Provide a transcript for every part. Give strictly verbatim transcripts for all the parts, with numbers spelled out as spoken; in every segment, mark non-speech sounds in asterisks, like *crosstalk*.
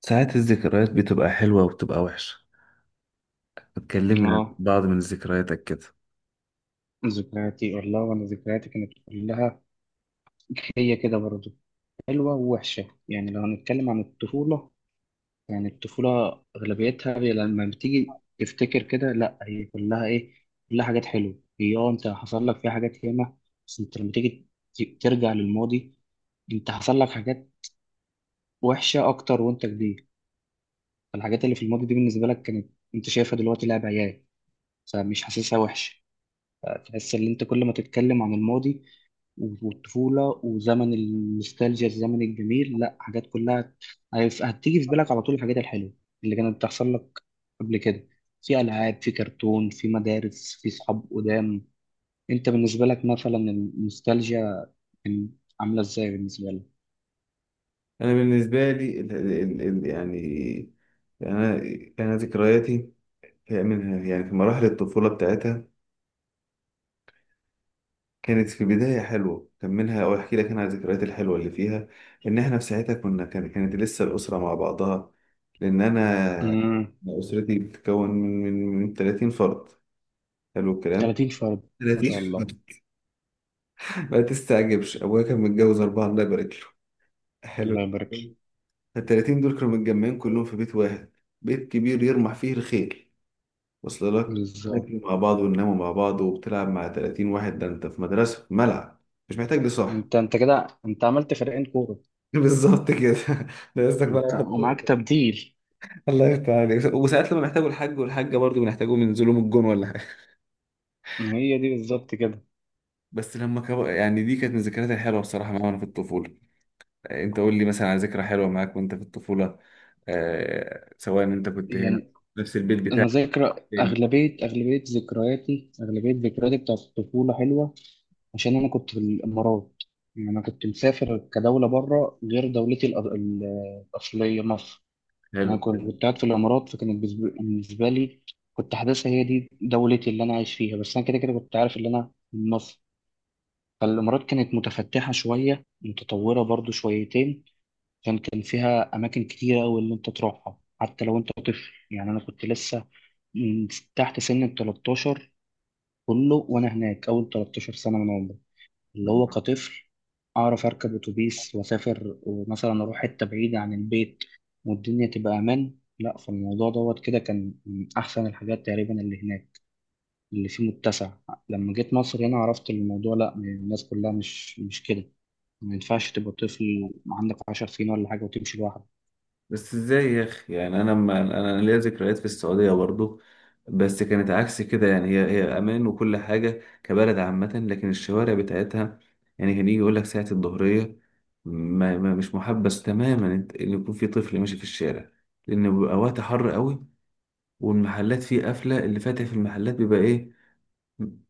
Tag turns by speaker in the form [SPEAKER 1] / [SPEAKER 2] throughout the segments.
[SPEAKER 1] ساعات الذكريات بتبقى حلوة وبتبقى وحشة. بتكلمني عن
[SPEAKER 2] اه
[SPEAKER 1] بعض من ذكرياتك كده؟
[SPEAKER 2] ذكرياتي والله، وانا ذكرياتي كانت كلها هي كده برضه حلوه ووحشه. يعني لو هنتكلم عن الطفوله، يعني الطفوله اغلبيتها هي لما بتيجي تفتكر كده، لا هي كلها ايه، كلها حاجات حلوه. هي اه انت حصل لك فيها حاجات ياما، بس انت لما تيجي ت- ترجع للماضي انت حصل لك حاجات وحشه اكتر. وانت كبير الحاجات اللي في الماضي دي بالنسبه لك، كانت انت شايفها دلوقتي لعب عيال، فمش حاسسها وحشه. فتحس ان انت كل ما تتكلم عن الماضي والطفولة وزمن النوستالجيا الزمن الجميل، لا حاجات كلها هت- هتيجي في بالك على طول، الحاجات الحلوة اللي كانت بتحصل لك قبل كده. في ألعاب، في كرتون، في مدارس، في صحاب قدام. أنت بالنسبة لك مثلا النوستالجيا كان عاملة إزاي بالنسبة لك؟
[SPEAKER 1] انا بالنسبه لي ال ال ال يعني انا انا ذكرياتي هي منها، يعني في مراحل الطفوله بتاعتها، كانت في بدايه حلوه. كان منها او احكي لك انا على الذكريات الحلوه اللي فيها ان احنا في ساعتها كنا كان كانت لسه الاسره مع بعضها، لان انا
[SPEAKER 2] امم
[SPEAKER 1] أنا اسرتي بتتكون من من من ثلاثين فرد. حلو الكلام.
[SPEAKER 2] ثلاثين فرد، ما شاء
[SPEAKER 1] ثلاثين.
[SPEAKER 2] الله،
[SPEAKER 1] *laughs* ما تستعجبش، ابويا كان متجوز اربعه الله يبارك له. حلو.
[SPEAKER 2] الله يبارك لك.
[SPEAKER 1] ال ثلاثين دول كانوا متجمعين كلهم في بيت واحد، بيت كبير يرمح فيه الخيل. وصل لك.
[SPEAKER 2] بالظبط.
[SPEAKER 1] ناكلوا مع بعض ونناموا مع بعض وبتلعب مع ثلاثين واحد، ده انت في مدرسة، في ملعب، مش محتاج لصاحب.
[SPEAKER 2] أنت أنت كده أنت عملت فريقين كورة،
[SPEAKER 1] *laughs* بالظبط كده. ده قصدك بقى
[SPEAKER 2] أنت ومعاك
[SPEAKER 1] واحد-
[SPEAKER 2] تبديل.
[SPEAKER 1] الله يفتح عليك. وساعات لما بيحتاجوا الحاج والحاجة برضه بنحتاجهم ينزلوا من الجون ولا حاجة.
[SPEAKER 2] هي دي بالظبط كده.
[SPEAKER 1] بس لما كبر، يعني دي كانت من الذكريات الحلوة بصراحة معايا وأنا في الطفولة. أنت قول لي مثلا على ذكرى حلوة معاك وأنت في الطفولة. آه... سواء أنت كنت هنا
[SPEAKER 2] يعني
[SPEAKER 1] نفس البيت
[SPEAKER 2] انا
[SPEAKER 1] بتاعك.
[SPEAKER 2] ذاكر
[SPEAKER 1] فين؟
[SPEAKER 2] اغلبيه، اغلبيه ذكرياتي اغلبيه ذكرياتي بتاعت الطفوله حلوه، عشان انا كنت في الامارات. يعني انا كنت مسافر كدوله بره، غير دولتي الأ- ال- الاصليه مصر. انا
[SPEAKER 1] حلو.
[SPEAKER 2] كنت كنت قاعد في الامارات، فكانت بالنسبه بالنسبة لي كنت حاسسها هي دي دولتي اللي انا عايش فيها، بس انا كده كده كنت عارف ان انا من مصر. فالامارات كانت متفتحه شويه، متطوره برضو شويتين، عشان كان فيها أماكن كتيرة أوي اللي أنت تروحها حتى لو أنت طفل. يعني أنا كنت لسه من تحت سن ال الثلاثتاشر، كله وأنا هناك أول تلتاشر سنة من عمري، اللي هو كطفل أعرف أركب أتوبيس وأسافر، مثلا أروح حتة بعيدة عن البيت والدنيا تبقى أمان. لا فالموضوع دوت كده كان من أحسن الحاجات تقريبا اللي هناك، اللي فيه متسع. لما جيت مصر هنا عرفت الموضوع لا، الناس كلها مش مش كده، ما ينفعش تبقى طفل عندك عشر سنين ولا حاجة وتمشي لوحدك.
[SPEAKER 1] بس ازاي يا اخي؟ يعني انا، ما انا ليا ذكريات في السعوديه برضو، بس كانت عكس كده. يعني هي هي امان وكل حاجه كبلد عامه، لكن الشوارع بتاعتها، يعني كان يجي يقول لك ساعه الظهريه، ما ما مش محبس تماما انت- ان يكون في طفل ماشي في الشارع، لان بيبقى وقت حر قوي، والمحلات فيه قافله، اللي فاتح في المحلات بيبقى ايه؟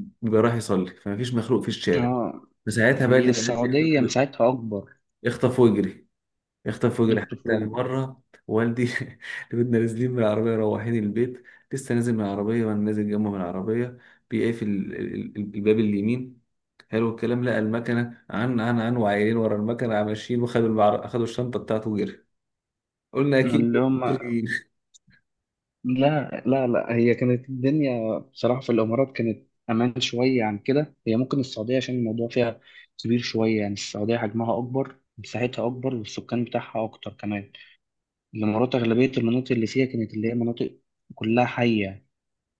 [SPEAKER 1] بيبقى رايح يصلي، فمفيش مخلوق في الشارع.
[SPEAKER 2] اه،
[SPEAKER 1] فساعتها بقى اللي
[SPEAKER 2] هي
[SPEAKER 1] آه. بيعدي
[SPEAKER 2] السعودية
[SPEAKER 1] يخطف.
[SPEAKER 2] مساعتها أكبر.
[SPEAKER 1] يخطف ويجري، يخطف ويجري. حتى
[SPEAKER 2] الطفل،
[SPEAKER 1] مرة والدي *laughs* اللي كنا نازلين من العربية رايحين البيت، لسه نازل من العربية وأنا نازل جنبه من العربية، بيقفل ال- ال- ال- الباب اليمين. حلو الكلام. لقى المكنة عن عن عن وعيلين ورا المكنة ماشيين، وخدوا المعر... خدوا الشنطة بتاعته وجري. قلنا أكيد
[SPEAKER 2] اللي هم.
[SPEAKER 1] مصريين.
[SPEAKER 2] لا لا لا، هي كانت الدنيا بصراحة في الإمارات كانت أمان شوية عن كده. هي ممكن السعودية عشان الموضوع فيها كبير شوية، يعني السعودية حجمها أكبر، مساحتها أكبر، والسكان بتاعها أكتر كمان. الإمارات أغلبية المناطق اللي فيها كانت اللي هي مناطق كلها حية،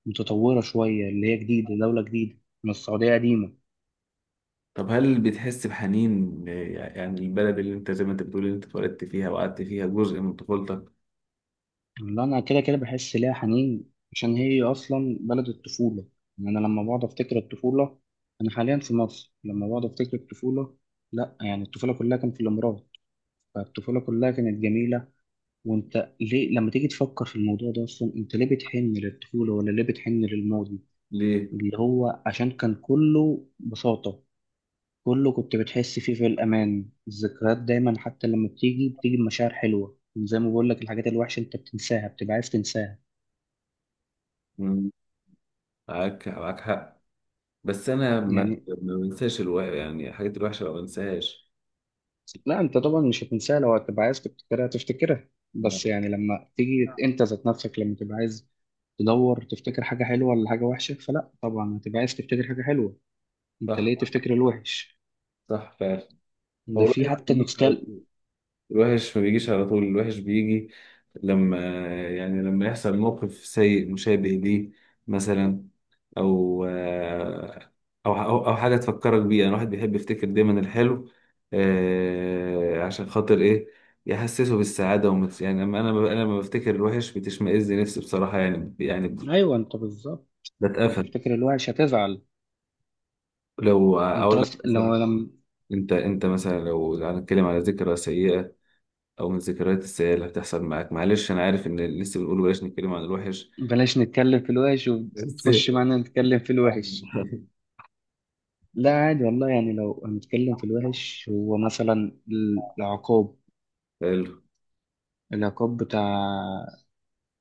[SPEAKER 2] متطورة شوية، اللي هي جديدة، دولة جديدة من السعودية قديمة.
[SPEAKER 1] طب هل بتحس بحنين آه، يعني البلد اللي أنت زي ما أنت بتقول، اللي أنت اتولدت فيها وقعدت فيها جزء من طفولتك.
[SPEAKER 2] والله انا كده كده بحس ليها حنين، عشان هي اصلا بلد الطفوله. يعني انا لما بقعد افتكر الطفوله، انا حاليا في مصر لما بقعد افتكر الطفوله، لا يعني الطفوله كلها كانت في الامارات، فالطفوله كلها كانت جميله. وانت ليه لما تيجي تفكر في الموضوع ده اصلا، انت ليه بتحن للطفوله ولا ليه بتحن للماضي؟
[SPEAKER 1] ليه؟
[SPEAKER 2] اللي هو عشان كان كله بساطه، كله كنت بتحس فيه في الامان. الذكريات دايما حتى لما بتيجي بتيجي بمشاعر حلوه، زي ما بقول لك الحاجات الوحشه انت بتنساها، بتبقى عايز تنساها.
[SPEAKER 1] مم. معاك، معاك حق. بس انا ما
[SPEAKER 2] يعني
[SPEAKER 1] ما بنساش الو... يعني الحاجات الوحشه ما بنساهاش.
[SPEAKER 2] لا انت طبعا مش هتنساها، لو هتبقى عايز تفتكرها تفتكرها، بس يعني لما تيجي انت ذات نفسك، لما تبقى عايز تدور تفتكر حاجة حلوة ولا حاجة وحشة، فلا طبعا هتبقى عايز تفتكر حاجة حلوة، انت ليه
[SPEAKER 1] صح،
[SPEAKER 2] تفتكر الوحش؟
[SPEAKER 1] صح فعلا. هو
[SPEAKER 2] ده
[SPEAKER 1] الوحش
[SPEAKER 2] في
[SPEAKER 1] ما
[SPEAKER 2] حتى
[SPEAKER 1] بيجيش على
[SPEAKER 2] نوستال.
[SPEAKER 1] طول، الوحش ما بيجيش على طول، الوحش بيجي لما، يعني لما يحصل موقف سيء مشابه ليه، مثلا، او آه، او او أو حاجه تفكرك بيه. يعني الواحد بيحب يفتكر دايما الحلو، آه، عشان خاطر ايه؟ يحسسه بالسعاده ومت... يعني لما انا انا لما بفتكر الوحش بتشمئز نفسي بصراحه، يعني يعني
[SPEAKER 2] ايوه، انت بالظبط،
[SPEAKER 1] بتقفل.
[SPEAKER 2] هتفتكر الوحش هتزعل.
[SPEAKER 1] لو
[SPEAKER 2] انت
[SPEAKER 1] اقول لك
[SPEAKER 2] أصل...
[SPEAKER 1] مثلا،
[SPEAKER 2] لو لما
[SPEAKER 1] انت انت مثلا لو هنتكلم على ذكرى سيئه، او من الذكريات السيئه اللي هتحصل معاك، معلش انا عارف ان لسه بنقول بلاش نتكلم عن الوحش،
[SPEAKER 2] بلاش نتكلم في الوحش،
[SPEAKER 1] بس.
[SPEAKER 2] وتخش معانا نتكلم في الوحش. لا عادي والله، يعني لو هنتكلم في الوحش، هو مثلا العقاب،
[SPEAKER 1] *laughs* حلو.
[SPEAKER 2] العقاب بتاع،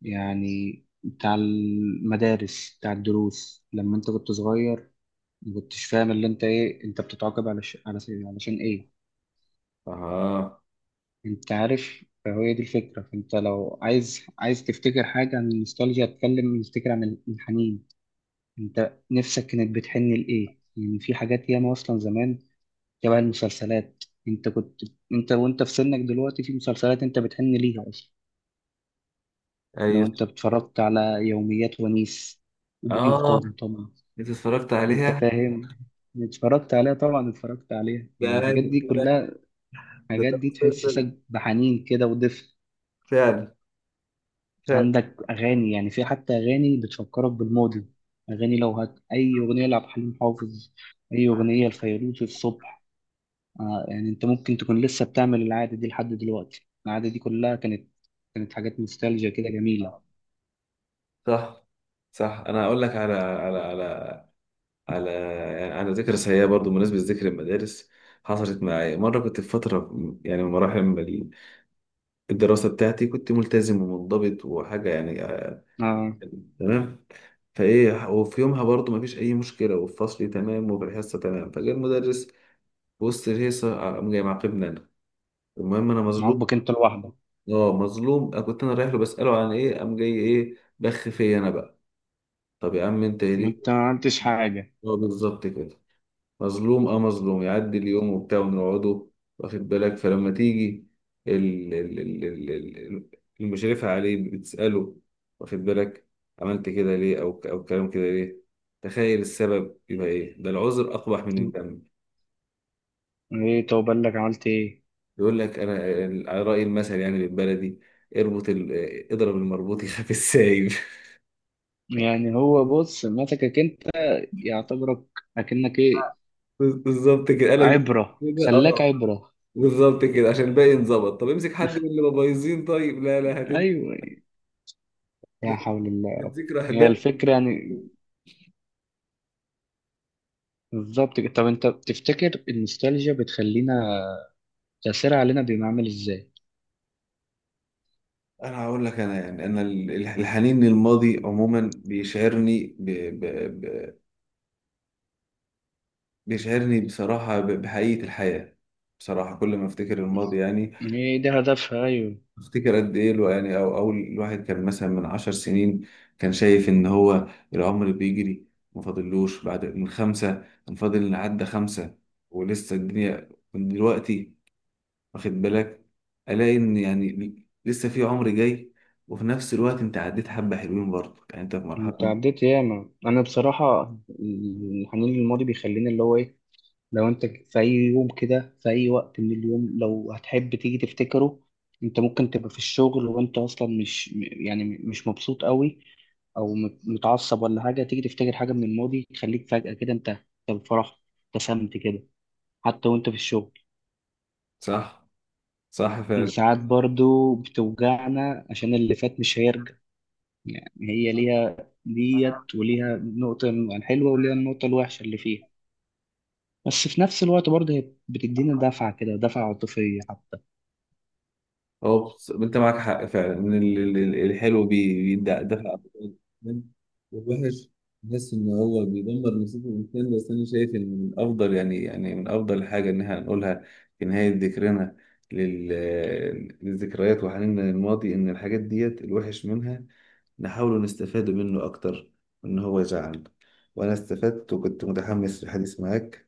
[SPEAKER 2] يعني بتاع المدارس، بتاع الدروس لما انت كنت صغير، ما كنتش فاهم اللي انت ايه، انت بتتعاقب علش... علش... علشان ايه.
[SPEAKER 1] اه.
[SPEAKER 2] انت عارف، فهي دي الفكرة. فانت لو عايز عايز تفتكر حاجة عن النوستالجيا، اتكلم نفتكر عن الحنين. انت نفسك كانت بتحن لإيه؟ يعني في حاجات ياما أصلا زمان، شبه المسلسلات انت كنت، انت وانت في سنك دلوقتي في مسلسلات انت بتحن ليها أصلا. لو
[SPEAKER 1] ايوه.
[SPEAKER 2] انت اتفرجت على يوميات ونيس وبوجي
[SPEAKER 1] اه.
[SPEAKER 2] وطمطم،
[SPEAKER 1] انت اتفرجت
[SPEAKER 2] انت
[SPEAKER 1] عليها.
[SPEAKER 2] فاهم، اتفرجت عليها طبعا، اتفرجت عليها.
[SPEAKER 1] ده
[SPEAKER 2] يعني
[SPEAKER 1] عايز
[SPEAKER 2] الحاجات دي
[SPEAKER 1] اقول لك.
[SPEAKER 2] كلها،
[SPEAKER 1] ده
[SPEAKER 2] الحاجات
[SPEAKER 1] ده
[SPEAKER 2] دي
[SPEAKER 1] مسلسل.
[SPEAKER 2] تحسسك بحنين كده ودفء.
[SPEAKER 1] فعلا. فعلا.
[SPEAKER 2] عندك اغاني، يعني في حتى اغاني بتفكرك بالماضي، اغاني لو هت اي اغنيه لعبد الحليم حافظ، اي اغنيه لفيروز الصبح. آه، يعني انت ممكن تكون لسه بتعمل العاده دي لحد دلوقتي، العاده دي كلها كانت، كانت حاجات نوستالجيا كده جميله.
[SPEAKER 1] صح، صح انا هقول لك على على على على يعني على ذكرى سيئه برضو بالنسبه لذكر المدارس. حصلت معايا مره، كنت في فتره، يعني من مراحل الدراسة بتاعتي، كنت ملتزم ومنضبط وحاجة يعني آه،
[SPEAKER 2] اه.
[SPEAKER 1] تمام. فايه، وفي يومها برضو مفيش اي مشكله، وفي فصلي تمام، وفي الحصه تمام، فجاء المدرس في وسط الهيصه. آه، قام جاي معاقبني انا. المهم انا مظلوم.
[SPEAKER 2] عاجبك انت لوحدك.
[SPEAKER 1] اه مظلوم، أنا كنت، انا رايح له بساله عن ايه؟ قام جاي ايه بخ فيا انا بقى. طب يا عم انت يليك.
[SPEAKER 2] انت ما عملتش حاجه.
[SPEAKER 1] اه بالظبط كده. مظلوم، اه مظلوم. يعدي اليوم وبتاع ونقعده. واخد بالك؟ فلما تيجي ال- ال- ال- ال- ال- المشرفة عليه بتسأله، واخد بالك، عملت كده ليه؟ او او كلام كده ليه؟ تخيل السبب يبقى ايه؟ ده العذر اقبح من الذنب.
[SPEAKER 2] ايه؟ طب بالك عملت ايه.
[SPEAKER 1] يقول لك انا ال- على رأي المثل يعني بالبلدي، اربط ال- آه، اضرب المربوط يخاف السايب.
[SPEAKER 2] يعني هو بص مسكك انت، يعتبرك اكنك ايه،
[SPEAKER 1] *laughs* بالظبط كده، قال لك
[SPEAKER 2] عبرة،
[SPEAKER 1] كده
[SPEAKER 2] خلاك
[SPEAKER 1] اه.
[SPEAKER 2] عبرة.
[SPEAKER 1] بالظبط كده، عشان الباقي انظبط. طب امسك حد من اللي مبايظين؟ طيب لا لا.
[SPEAKER 2] ايوه.
[SPEAKER 1] دي
[SPEAKER 2] لا حول الله
[SPEAKER 1] دي
[SPEAKER 2] يا
[SPEAKER 1] كانت
[SPEAKER 2] رب.
[SPEAKER 1] ذكرى
[SPEAKER 2] هي
[SPEAKER 1] هباء.
[SPEAKER 2] الفكرة يعني، بالظبط كده. طب انت بتفتكر النوستالجيا بتخلينا، تأثيرها علينا بيبقى عامل ازاي؟
[SPEAKER 1] انا هقول لك، انا يعني، انا ال- الحنين للماضي عموما بيشعرني ب... ب... ب... بيشعرني بصراحه ب... بحقيقه الحياه. بصراحه كل ما افتكر الماضي، يعني
[SPEAKER 2] ايه ده هدفها. ايوه،
[SPEAKER 1] افتكر قد ايه الو- يعني او اول الواحد كان مثلا من عشر سنين كان شايف ان هو العمر بيجري، ما فاضلوش بعد من خمسه، كان فاضل إن عدى خمسه ولسه الدنيا من دلوقتي. واخد بالك؟ الاقي ان، يعني لسه في عمر جاي، وفي نفس الوقت انت عديت حبه حلوين برضه. يعني انت في مرحله
[SPEAKER 2] انت
[SPEAKER 1] م-
[SPEAKER 2] عديت ياما. انا بصراحة الحنين للماضي بيخليني اللي هو ايه، لو انت في اي يوم كده، في اي وقت من اليوم، لو هتحب تيجي تفتكره، انت ممكن تبقى في الشغل وانت اصلا مش م- يعني مش مبسوط قوي، او مت- متعصب ولا حاجه، تيجي تفتكر حاجه من الماضي تخليك فجاه كده، انت انت فرحت، ابتسمت كده، حتى وانت في الشغل.
[SPEAKER 1] صح، صح فعلا.
[SPEAKER 2] وساعات برضو بتوجعنا عشان اللي فات مش هيرجع. يعني هي ليها ديت، وليها النقطة الحلوة، وليها النقطة الوحشة اللي فيها، بس في نفس الوقت برضه هي بتدينا دفعة كده، دفعة عاطفية.
[SPEAKER 1] هو بص- انت معاك حق فعلا ان ال- ال- ال- الحلو بي- بيدفع دفع أبطال، والوحش بحس ان هو بيدمر نصيب الانسان. بس انا شايف ان من افضل، يعني يعني من افضل حاجه ان احنا نقولها في نهايه ذكرنا لل- للذكريات وحنيننا للماضي، ان الحاجات ديت الوحش منها نحاول نستفاد منه أكتر، إن هو يزعلنا. وأنا استفدت وكنت متحمس للحديث معاك.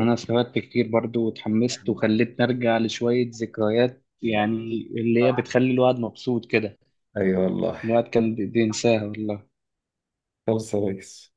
[SPEAKER 2] انا استفدت كتير برضو، واتحمست، وخلتني ارجع لشوية ذكريات، يعني اللي هي بتخلي الواحد مبسوط كده،
[SPEAKER 1] أي والله.
[SPEAKER 2] الواحد كان بي- بينساها والله.
[SPEAKER 1] خلص يا ريس.